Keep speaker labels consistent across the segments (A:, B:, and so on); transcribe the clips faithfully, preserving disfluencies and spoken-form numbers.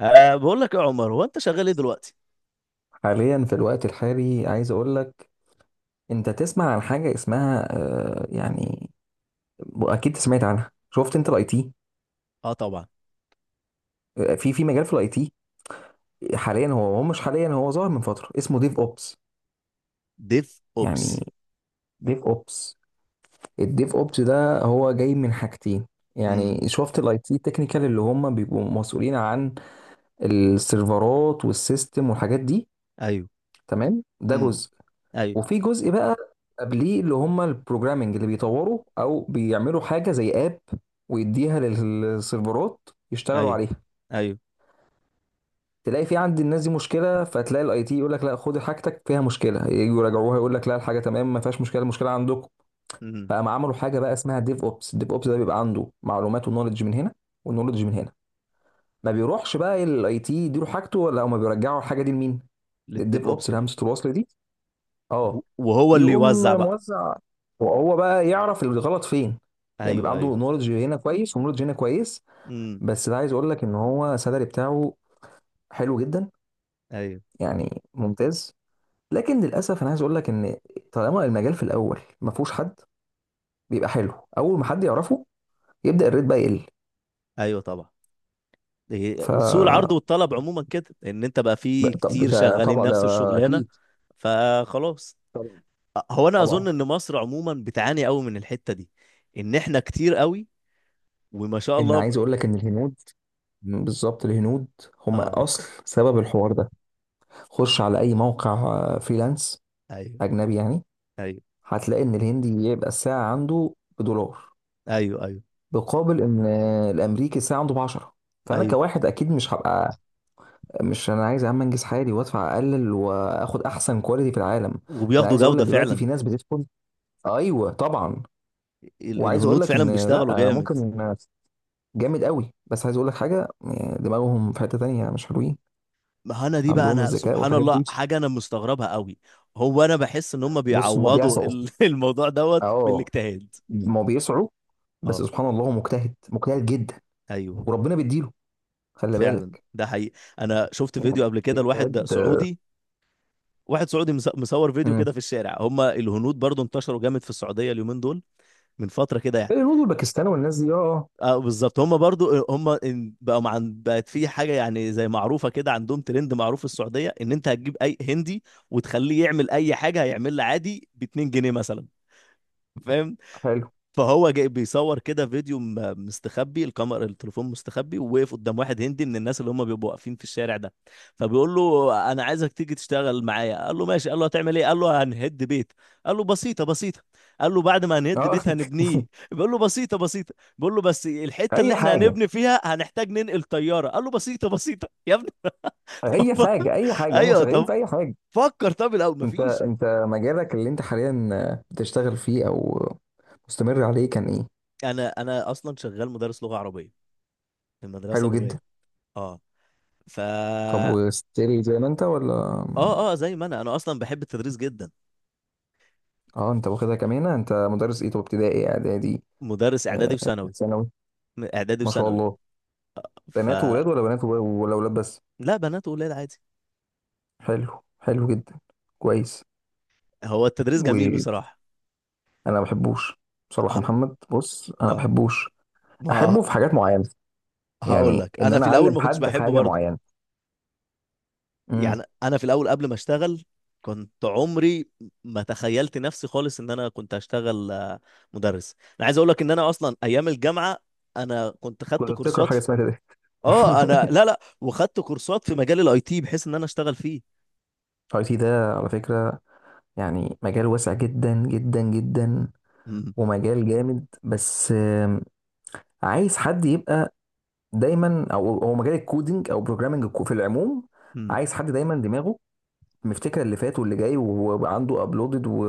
A: أه، بقول لك يا عمر، هو انت شغال ايه دلوقتي؟
B: حاليا في الوقت الحالي عايز اقول لك. انت تسمع عن حاجه اسمها آه، يعني اكيد سمعت عنها. شفت انت الاي تي؟
A: اه طبعا.
B: آه، في في مجال في الاي تي حاليا. هو هو مش حاليا، هو ظاهر من فتره اسمه ديف اوبس.
A: ديف اوبس.
B: يعني ديف اوبس. الديف اوبس ده هو جاي من حاجتين.
A: امم.
B: يعني شفت الاي تي تكنيكال اللي هم بيبقوا مسؤولين عن السيرفرات والسيستم والحاجات دي.
A: ايوه.
B: تمام، ده
A: امم.
B: جزء.
A: ايوه.
B: وفي جزء بقى قبليه اللي هم البروجرامنج اللي بيطوروا او بيعملوا حاجه زي اب ويديها للسيرفرات يشتغلوا
A: ايوه.
B: عليها.
A: ايوه.
B: تلاقي في عند الناس دي مشكله، فتلاقي الاي تي يقول لك لا، خد حاجتك فيها مشكله. يجوا يراجعوها يقول لك لا، الحاجه تمام، ما فيهاش مشكله، المشكله عندكم.
A: امم.
B: فقام عملوا حاجه بقى اسمها ديف اوبس. الديف اوبس ده بيبقى عنده معلومات ونولج من هنا ونولج من هنا. ما بيروحش بقى الاي تي يديله حاجته ولا هما بيرجعوا الحاجه دي لمين؟
A: للديف
B: للديف اوبس،
A: اوبس ده.
B: الهمزه الوصل دي.
A: و-
B: اه.
A: وهو اللي
B: يقوم
A: يوزع بقى.
B: موزع، وهو بقى يعرف الغلط فين. يعني بيبقى
A: ايوه
B: عنده
A: ايوه.
B: نولج هنا كويس ونولج هنا كويس.
A: امم.
B: بس ده عايز اقول لك ان هو سالري بتاعه حلو جدا،
A: ايوه.
B: يعني ممتاز. لكن للاسف انا عايز اقول لك ان طالما المجال في الاول ما فيهوش حد، بيبقى حلو. اول ما حد يعرفه، يبدا الريت بقى يقل.
A: ايوه طبعا.
B: ف
A: إيه، سوق العرض والطلب عموما كده، ان انت بقى
B: ب-
A: في
B: طب
A: كتير
B: ده
A: شغالين
B: طبعا ده
A: نفس الشغلانه.
B: اكيد.
A: فخلاص.
B: طبعا،
A: أه، هو انا اظن
B: طبعا.
A: ان مصر عموما بتعاني قوي من الحته دي. ان احنا كتير قوي وما شاء
B: ان
A: الله ب...
B: عايز اقول لك ان الهنود، بالظبط الهنود هم
A: اه.
B: اصل سبب الحوار ده. خش على اي موقع آه، فريلانس
A: ايوه
B: اجنبي يعني،
A: ايوه.
B: هتلاقي ان الهندي يبقى الساعه عنده بدولار،
A: ايوه ايوه.
B: بقابل ان آه، الامريكي الساعه عنده ب عشرة. فانا
A: ايوه.
B: كواحد اكيد مش هبقى، مش، انا عايز يا عم انجز حالي وادفع اقلل واخد احسن كواليتي في العالم ده. انا
A: وبياخدوا
B: عايز اقول
A: جودة
B: لك دلوقتي في
A: فعلا.
B: ناس بتدخل. ايوه طبعا.
A: ال-
B: وعايز اقول
A: الهنود
B: لك
A: فعلا
B: ان لا،
A: بيشتغلوا
B: انا
A: جامد.
B: ممكن. جامد قوي، بس عايز اقول لك حاجه، آه، دماغهم في حته تانية، مش حلوين.
A: ما انا دي بقى،
B: عندهم
A: انا
B: الذكاء
A: سبحان
B: والحاجات
A: الله
B: دي.
A: حاجة انا مستغربها قوي. هو انا بحس ان هم
B: بص، هما
A: بيعوضوا
B: بيسعوا.
A: ال- الموضوع دوت
B: اه،
A: بالاجتهاد.
B: ما بيسعوا. بس
A: اه.
B: سبحان الله، هو مجتهد مجتهد جدا.
A: ايوه.
B: وربنا بيديله، خلي
A: فعلا
B: بالك.
A: ده حقيقي، انا شفت فيديو
B: يعني
A: قبل كده لواحد
B: الاجتهاد.
A: سعودي. واحد سعودي مص- مصور فيديو
B: امم.
A: كده في الشارع، هم الهنود برضو انتشروا جامد في السعودية اليومين دول من فترة كده يعني.
B: الهنود والباكستان والناس دي، اه.
A: اه بالظبط، هم برضو هم إن- بقوا مع بقت في حاجه يعني زي معروفه كده، عندهم ترند معروف في السعوديه، ان انت هتجيب اي هندي وتخليه يعمل اي حاجه هيعملها عادي ب اتنين جنيه مثلا، فاهم؟
B: آه، حلو.
A: فهو جاي بيصور كده فيديو م- مستخبي الكاميرا، التليفون مستخبي، ووقف قدام واحد هندي من الناس اللي هم بيبقوا واقفين في الشارع ده. فبيقول له: انا عايزك تيجي تشتغل معايا. قال له: ماشي. قال له: هتعمل ايه؟ قال له: هنهد بيت. قال له: بسيطه بسيطه. قال له: بعد ما هنهد
B: اه.
A: بيت هنبنيه. بيقول له: بسيطه بسيطه. بيقول له: بس الحته اللي
B: اي
A: احنا
B: حاجه،
A: هنبني فيها هنحتاج ننقل طياره. قال له: بسيطه بسيطه يا ابني.
B: اي
A: طب
B: حاجه، اي حاجه. هم
A: ايوه.
B: شغالين
A: طب
B: في اي حاجه.
A: فكر. طب الاول
B: انت
A: مفيش.
B: انت مجالك اللي انت حاليا بتشتغل فيه او مستمر عليه كان ايه؟
A: انا انا اصلا شغال مدرس لغه عربيه في المدرسه
B: حلو جدا.
A: لغات. اه. ف
B: طب وستيل زي ما انت ولا؟
A: اه اه، زي ما انا انا اصلا بحب التدريس جدا.
B: اه. انت واخدها كمان. انت مدرس ايه؟ طب ابتدائي اعدادي؟
A: مدرس اعدادي
B: آه،
A: وثانوي.
B: ثانوي.
A: م- اعدادي
B: ما شاء
A: وثانوي.
B: الله.
A: ف
B: بنات وولاد ولا بنات وولاد- ولا ولاد بس؟
A: لا، بنات وولاد عادي.
B: حلو، حلو جدا. كويس.
A: هو التدريس جميل
B: وانا
A: بصراحه.
B: ما بحبوش.
A: اه.
B: بصراحه محمد، بص، انا ما
A: آه،
B: بحبوش.
A: ما
B: احبه في حاجات معينه،
A: هقول
B: يعني
A: لك،
B: ان
A: انا
B: انا
A: في الاول
B: اعلم
A: ما كنتش
B: حد في
A: بحبه
B: حاجه
A: برضه.
B: معينه. امم.
A: يعني انا في الاول قبل ما اشتغل كنت عمري ما تخيلت نفسي خالص ان انا كنت هشتغل آه، مدرس. انا عايز اقول لك ان انا اصلا ايام الجامعه انا كنت خدت
B: كنت بتقرا
A: كورسات
B: حاجه
A: في...
B: اسمها كده.
A: اه، انا لا لا وخدت كورسات في مجال الاي تي بحيث ان انا اشتغل فيه.
B: اي تي ده على فكره يعني مجال واسع جدا جدا جدا، ومجال جامد، بس آم، عايز حد يبقى دايما. او هو مجال الكودينج او بروجرامنج في العموم عايز حد دايما دماغه مفتكر اللي فات واللي جاي، وهو عنده ابلودد و...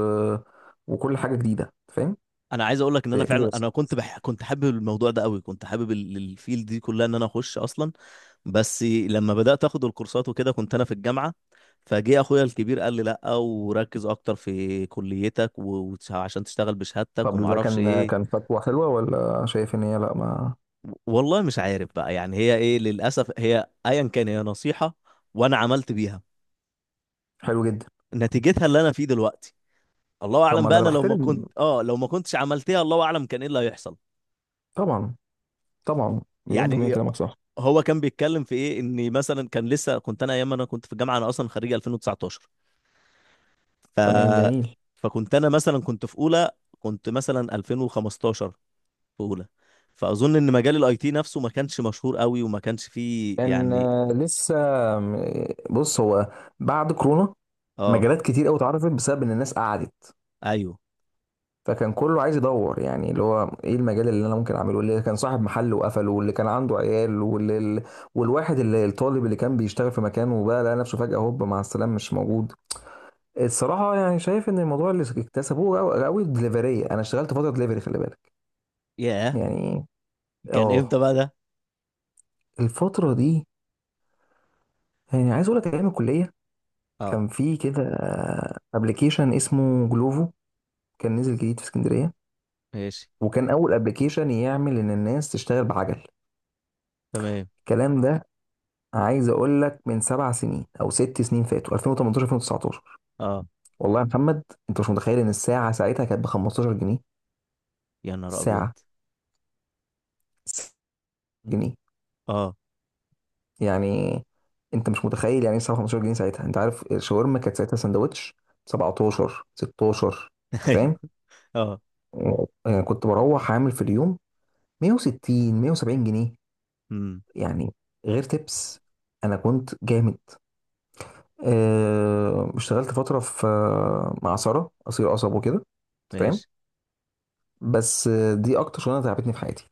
B: وكل حاجه جديده، فاهم.
A: انا عايز اقول لك ان انا
B: برياكتيف
A: فعلا،
B: بس.
A: انا كنت بح... كنت حابب الموضوع ده قوي، كنت حابب ال- الفيلد دي كلها ان انا اخش اصلا. بس لما بدات اخد الكورسات وكده كنت انا في الجامعه، فجه اخويا الكبير قال لي: لا وركز اكتر في كليتك و... وتش- عشان تشتغل بشهادتك
B: طب
A: وما
B: ده
A: اعرفش
B: كان كان
A: ايه.
B: خطوه حلوه ولا شايف ان هي لا ما.
A: والله مش عارف بقى يعني هي ايه، للاسف هي ايا كان هي نصيحه وانا عملت بيها،
B: حلو جدا.
A: نتيجتها اللي انا فيه دلوقتي. الله
B: طب
A: اعلم
B: ما ده
A: بقى،
B: انا
A: انا لو ما كنت
B: بحترم،
A: اه لو ما كنتش عملتها الله اعلم كان ايه اللي هيحصل.
B: طبعا. طبعا، مليون في المية
A: يعني إيه-
B: كلامك صح.
A: هو كان بيتكلم في ايه؟ ان مثلا كان لسه، كنت انا ايام ما انا كنت في الجامعه، انا اصلا خريج ألفين وتسعتاشر. ف
B: تمام، جميل.
A: فكنت انا مثلا كنت في اولى، كنت مثلا ألفين وخمستاشر في اولى. فاظن ان مجال الاي تي نفسه ما كانش مشهور قوي وما كانش فيه
B: كان
A: يعني.
B: آه، لسه. آم، بص، هو بعد كورونا
A: اه.
B: مجالات كتير قوي اتعرفت بسبب ان الناس قعدت.
A: ايوه.
B: فكان كله عايز يدور، يعني اللي هو ايه المجال اللي انا ممكن اعمله. اللي كان صاحب محل وقفله، واللي كان عنده عيال، واللي ال- والواحد اللي الطالب اللي كان بيشتغل في مكانه وبقى لقى نفسه فجأة هوب مع السلامة مش موجود. الصراحة يعني شايف ان الموضوع اللي اكتسبوه قوي الدليفرية. انا اشتغلت فترة دليفري، خلي بالك.
A: ياه،
B: يعني
A: كان امتى
B: اه،
A: بقى ده؟
B: الفترة دي، يعني عايز اقول لك ايام الكلية.
A: اه.
B: كان في كده ابلكيشن اسمه جلوفو، كان نزل جديد في اسكندرية،
A: ماشي.
B: وكان اول ابلكيشن يعمل ان الناس تشتغل بعجل.
A: تمام.
B: الكلام ده عايز اقول لك من سبع سنين او ست سنين فاتوا، ألفين وتمنتاشر، ألفين وتسعتاشر.
A: اه.
B: والله يا محمد، انت مش متخيل ان الساعه ساعتها كانت ب خمسة عشر جنيها.
A: يا نهار ابيض.
B: ساعه. جنيه.
A: اه.
B: يعني انت مش متخيل يعني ايه ساعه خمستاشر جنيه. ساعتها انت عارف الشاورما كانت ساعتها سندوتش سبعة عشر، ستاشر. انت
A: ايوه.
B: فاهم.
A: اه.
B: يعني كنت بروح عامل في اليوم مية وستين، مية وسبعين جنيه،
A: امم.
B: يعني، غير تبس. انا كنت جامد. آه، اشتغلت فتره في آه، مع ساره قصير قصب وكده، انت فاهم.
A: ماشي.
B: بس دي اكتر شغلانه تعبتني في حياتي.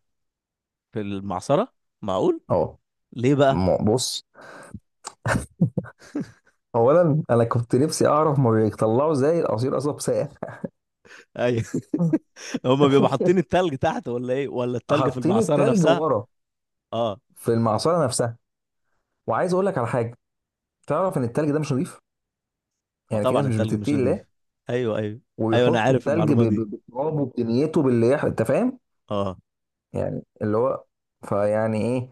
A: في المعصره؟ معقول؟
B: اه.
A: ليه بقى؟
B: م- بص، اولا انا كنت نفسي اعرف ما بيطلعوا زي العصير قصب ساقع.
A: ايوه، هما بيبقوا حاطين التلج تحت ولا ايه، ولا التلج في
B: حاطين
A: المعصرة
B: التلج
A: نفسها؟
B: ورا،
A: اه.
B: في المعصره نفسها. وعايز اقول لك على حاجه، تعرف ان التلج ده مش نظيف.
A: ما
B: يعني في ناس
A: طبعا
B: مش
A: التلج مش
B: بتتقي الله
A: نضيف. ايوه ايوه. ايوه انا
B: ويحطوا
A: عارف
B: التلج
A: المعلومة
B: ب-
A: دي.
B: ب- بالتراب وبدنيته باللي يح- انت فاهم.
A: اه.
B: يعني اللي هو، فيعني ايه،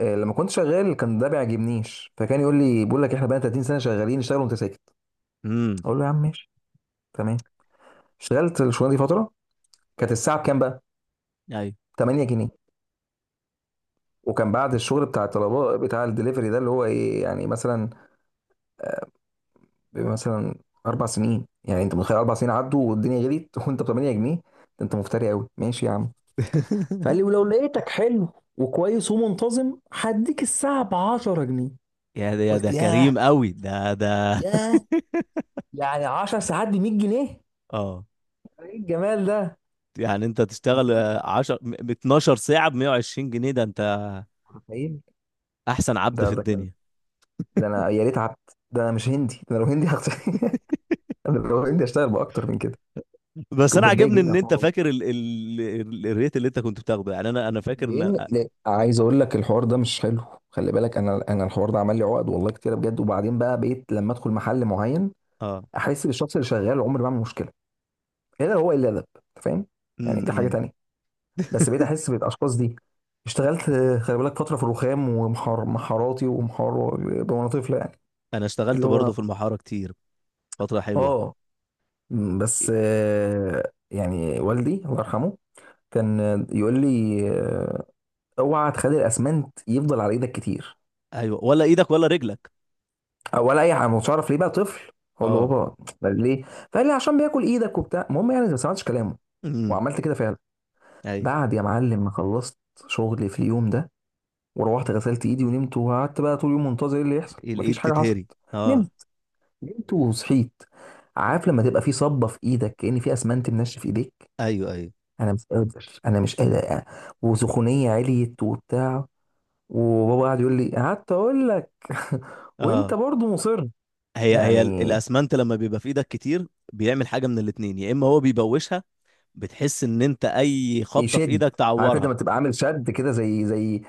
B: آه، لما كنت شغال كان ده بيعجبنيش، فكان يقول لي، بيقول لك احنا بقى تلاتين سنه شغالين، اشتغل وانت ساكت.
A: امم.
B: اقول له يا عم ماشي، تمام. اشتغلت الشغلانه دي فتره. كانت الساعه بكام بقى؟
A: ايوه.
B: تمنية جنيه. وكان بعد الشغل بتاع الطلباء بتاع الدليفري ده، اللي هو ايه يعني مثلا، مثلا اربع سنين، يعني انت متخيل اربع سنين عدوا والدنيا غليت وانت ب تمنية جنيه، ده انت مفتري قوي، ماشي يا عم. فقال لي ولو لقيتك حلو وكويس ومنتظم هديك الساعه ب عشرة جنيه.
A: يا ده يا
B: قلت
A: ده،
B: ياه،
A: كريم قوي ده ده.
B: ياه، يعني عشرة ساعات ب مية جنيه.
A: اه.
B: ايه الجمال ده!
A: يعني انت
B: أنت
A: تشتغل عشرة ب اتناشر ساعة ب مية وعشرين جنيه، ده انت
B: متخيل.
A: احسن عبد
B: ده
A: في
B: ده كان،
A: الدنيا.
B: ده انا يا ريت عبد، ده انا مش هندي، ده انا لو هندي هخت... انا لو هندي هشتغل باكتر من كده.
A: بس انا
B: وبتضايق
A: عاجبني
B: جدا،
A: ان انت فاكر ال... ال... ال- الريت اللي انت كنت بتاخده، يعني انا انا فاكر ان
B: لان لا، عايز اقول لك الحوار ده مش حلو. خلي بالك، انا انا الحوار ده عمل لي عقد والله كتير بجد. وبعدين بقى بقيت لما ادخل محل معين
A: اه.
B: احس بالشخص اللي شغال عمري ما اعمل مشكله، الا هو الا ادب. أنت فاهم. يعني
A: امم.
B: دي حاجه
A: أمم.
B: تانية. بس بقيت احس بالاشخاص دي. اشتغلت آه، خلي بالك فتره في الرخام ومحار محاراتي ومحار وانا طفله يعني،
A: انا اشتغلت
B: اللي
A: برضه
B: هو،
A: في المحاره كتير، فترة حلوة.
B: اه. م، بس آه، يعني والدي الله يرحمه كان آه، يقول لي آه، اوعى تخلي الاسمنت يفضل على ايدك كتير،
A: ايوه، ولا ايدك ولا رجلك.
B: ولا اي حاجه. ما كنتش اعرف ليه بقى، طفل، اقول له
A: اه.
B: بابا بل ليه. فقال لي عشان بياكل ايدك وبتاع. المهم يعني ما سمعتش كلامه
A: امم.
B: وعملت كده فعلا.
A: ايوه.
B: بعد يا معلم ما خلصت شغلي في اليوم ده، وروحت غسلت ايدي ونمت وقعدت بقى طول اليوم منتظر ايه اللي يحصل.
A: الايد
B: مفيش حاجه حصلت.
A: تتهري. اه.
B: نمت. نمت وصحيت. عارف لما تبقى في صبه في ايدك كأن في اسمنت منشف في ايديك.
A: ايوه ايوه.
B: انا مش قادر، انا مش قادر. وسخونيه عليت وبتاع. وبابا قاعد يقول لي، قعدت اقول لك. وانت
A: اه.
B: برضو مصر.
A: هي هي ال-
B: يعني
A: الاسمنت لما بيبقى في ايدك كتير بيعمل حاجة من الاتنين: يا اما هو بيبوشها، بتحس ان انت اي خبطة في
B: يشد.
A: ايدك
B: عارف انت
A: تعورها.
B: لما تبقى عامل شد كده، زي زي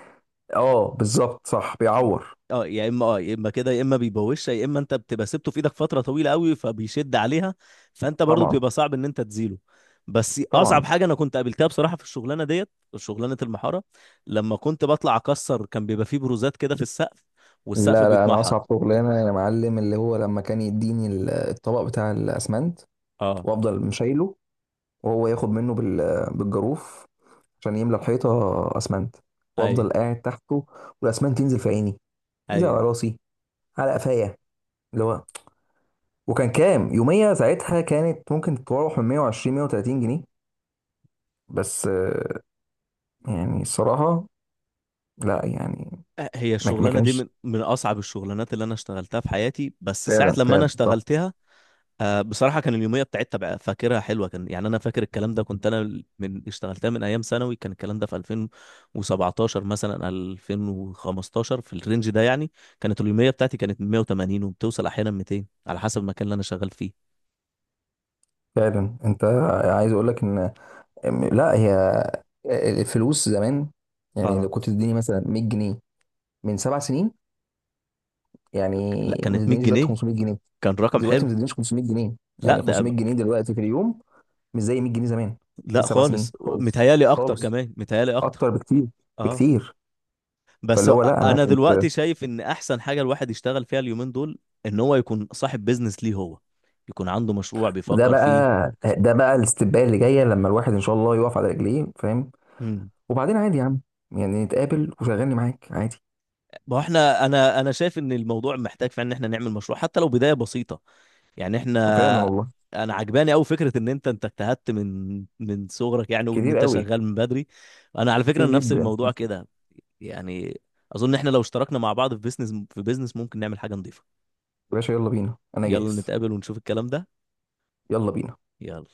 B: اه، بالظبط، صح، بيعور.
A: اه، يا اما اه يا اما كده، يا اما بيبوشها، يا اما انت بتبقى سبته في ايدك فتره طويله قوي فبيشد عليها، فانت برضو
B: طبعا،
A: بيبقى صعب ان انت تزيله. بس
B: طبعا.
A: اصعب حاجه انا كنت قابلتها بصراحه في الشغلانه ديت، شغلانه المحاره، لما كنت بطلع اكسر كان بيبقى فيه بروزات كده في السقف، والسقف
B: لا، لا، انا
A: بيتمحر.
B: اصعب شغلانه يا معلم اللي هو لما كان يديني ال- الطبق بتاع الاسمنت
A: اه.
B: وافضل مشايله، وهو ياخد منه بال- بالجاروف عشان يملى الحيطه اسمنت،
A: ايوه
B: وافضل قاعد تحته، والاسمنت ينزل في عيني، ينزل على
A: ايوه.
B: راسي، على قفايا، اللي هو. وكان كام يوميه ساعتها؟ كانت ممكن تتراوح من مئة وعشرين، مئة وثلاثين جنيه، بس آه، يعني الصراحه لا يعني.
A: هي
B: ما ما
A: الشغلانه دي
B: كانش،
A: من من اصعب الشغلانات اللي انا اشتغلتها في حياتي، بس ساعه
B: فعلا
A: لما انا
B: فعلا صح.
A: اشتغلتها آه بصراحة كان اليومية بتاعتها بقى، فاكرها حلوة، كان يعني أنا فاكر الكلام ده، كنت أنا من اشتغلتها من أيام ثانوي، كان الكلام ده في ألفين وسبعتاشر مثلا ألفين وخمستاشر في الرينج ده يعني. كانت اليومية بتاعتي كانت مية وتمانين وبتوصل أحيانا ميتين على حسب المكان اللي أنا شغال فيه.
B: فعلا انت، عايز اقول لك ان لا، هي الفلوس زمان يعني. لو
A: آه.
B: كنت تديني مثلا مية جنيه من سبع سنين، يعني
A: لا
B: ما
A: كانت 100
B: تدينيش دلوقتي
A: جنيه
B: خمسميه جنيه.
A: كان رقم حلو.
B: دلوقتي ما تدينيش خمسميه جنيه.
A: لا
B: يعني
A: ده
B: خمسميه جنيه دلوقتي في اليوم مش زي مية جنيه زمان. في
A: لا
B: سبع سنين
A: خالص،
B: خالص.
A: متهيألي أكتر،
B: خالص.
A: كمان متهيألي
B: اكتر
A: أكتر.
B: بكتير.
A: آه.
B: بكتير.
A: بس
B: فاللي هو لا، انا
A: انا
B: كنت.
A: دلوقتي شايف ان احسن حاجه الواحد يشتغل فيها اليومين دول ان هو يكون صاحب بيزنس ليه هو، يكون عنده مشروع
B: وده
A: بيفكر
B: بقى
A: فيه.
B: ده بقى الاستباء اللي جايه، لما الواحد ان شاء الله يقف على رجليه، فاهم.
A: امم.
B: وبعدين عادي يا عم، يعني نتقابل وشغلني معاك عادي.
A: ما هو احنا، انا انا شايف ان الموضوع محتاج فعلا ان احنا نعمل مشروع حتى لو بدايه بسيطه. يعني احنا،
B: فعلا والله.
A: انا عجباني قوي فكره ان انت انت اجتهدت من من صغرك يعني، وان
B: كتير
A: انت
B: قوي،
A: شغال من بدري. انا على فكره
B: كتير
A: نفس
B: جدا
A: الموضوع
B: يا
A: كده يعني. اظن احنا لو اشتركنا مع بعض في بيزنس، في بيزنس ممكن نعمل حاجه نظيفه.
B: باشا. يلا بينا، انا
A: يلا
B: جاهز.
A: نتقابل ونشوف الكلام ده.
B: يلا بينا.
A: يلا.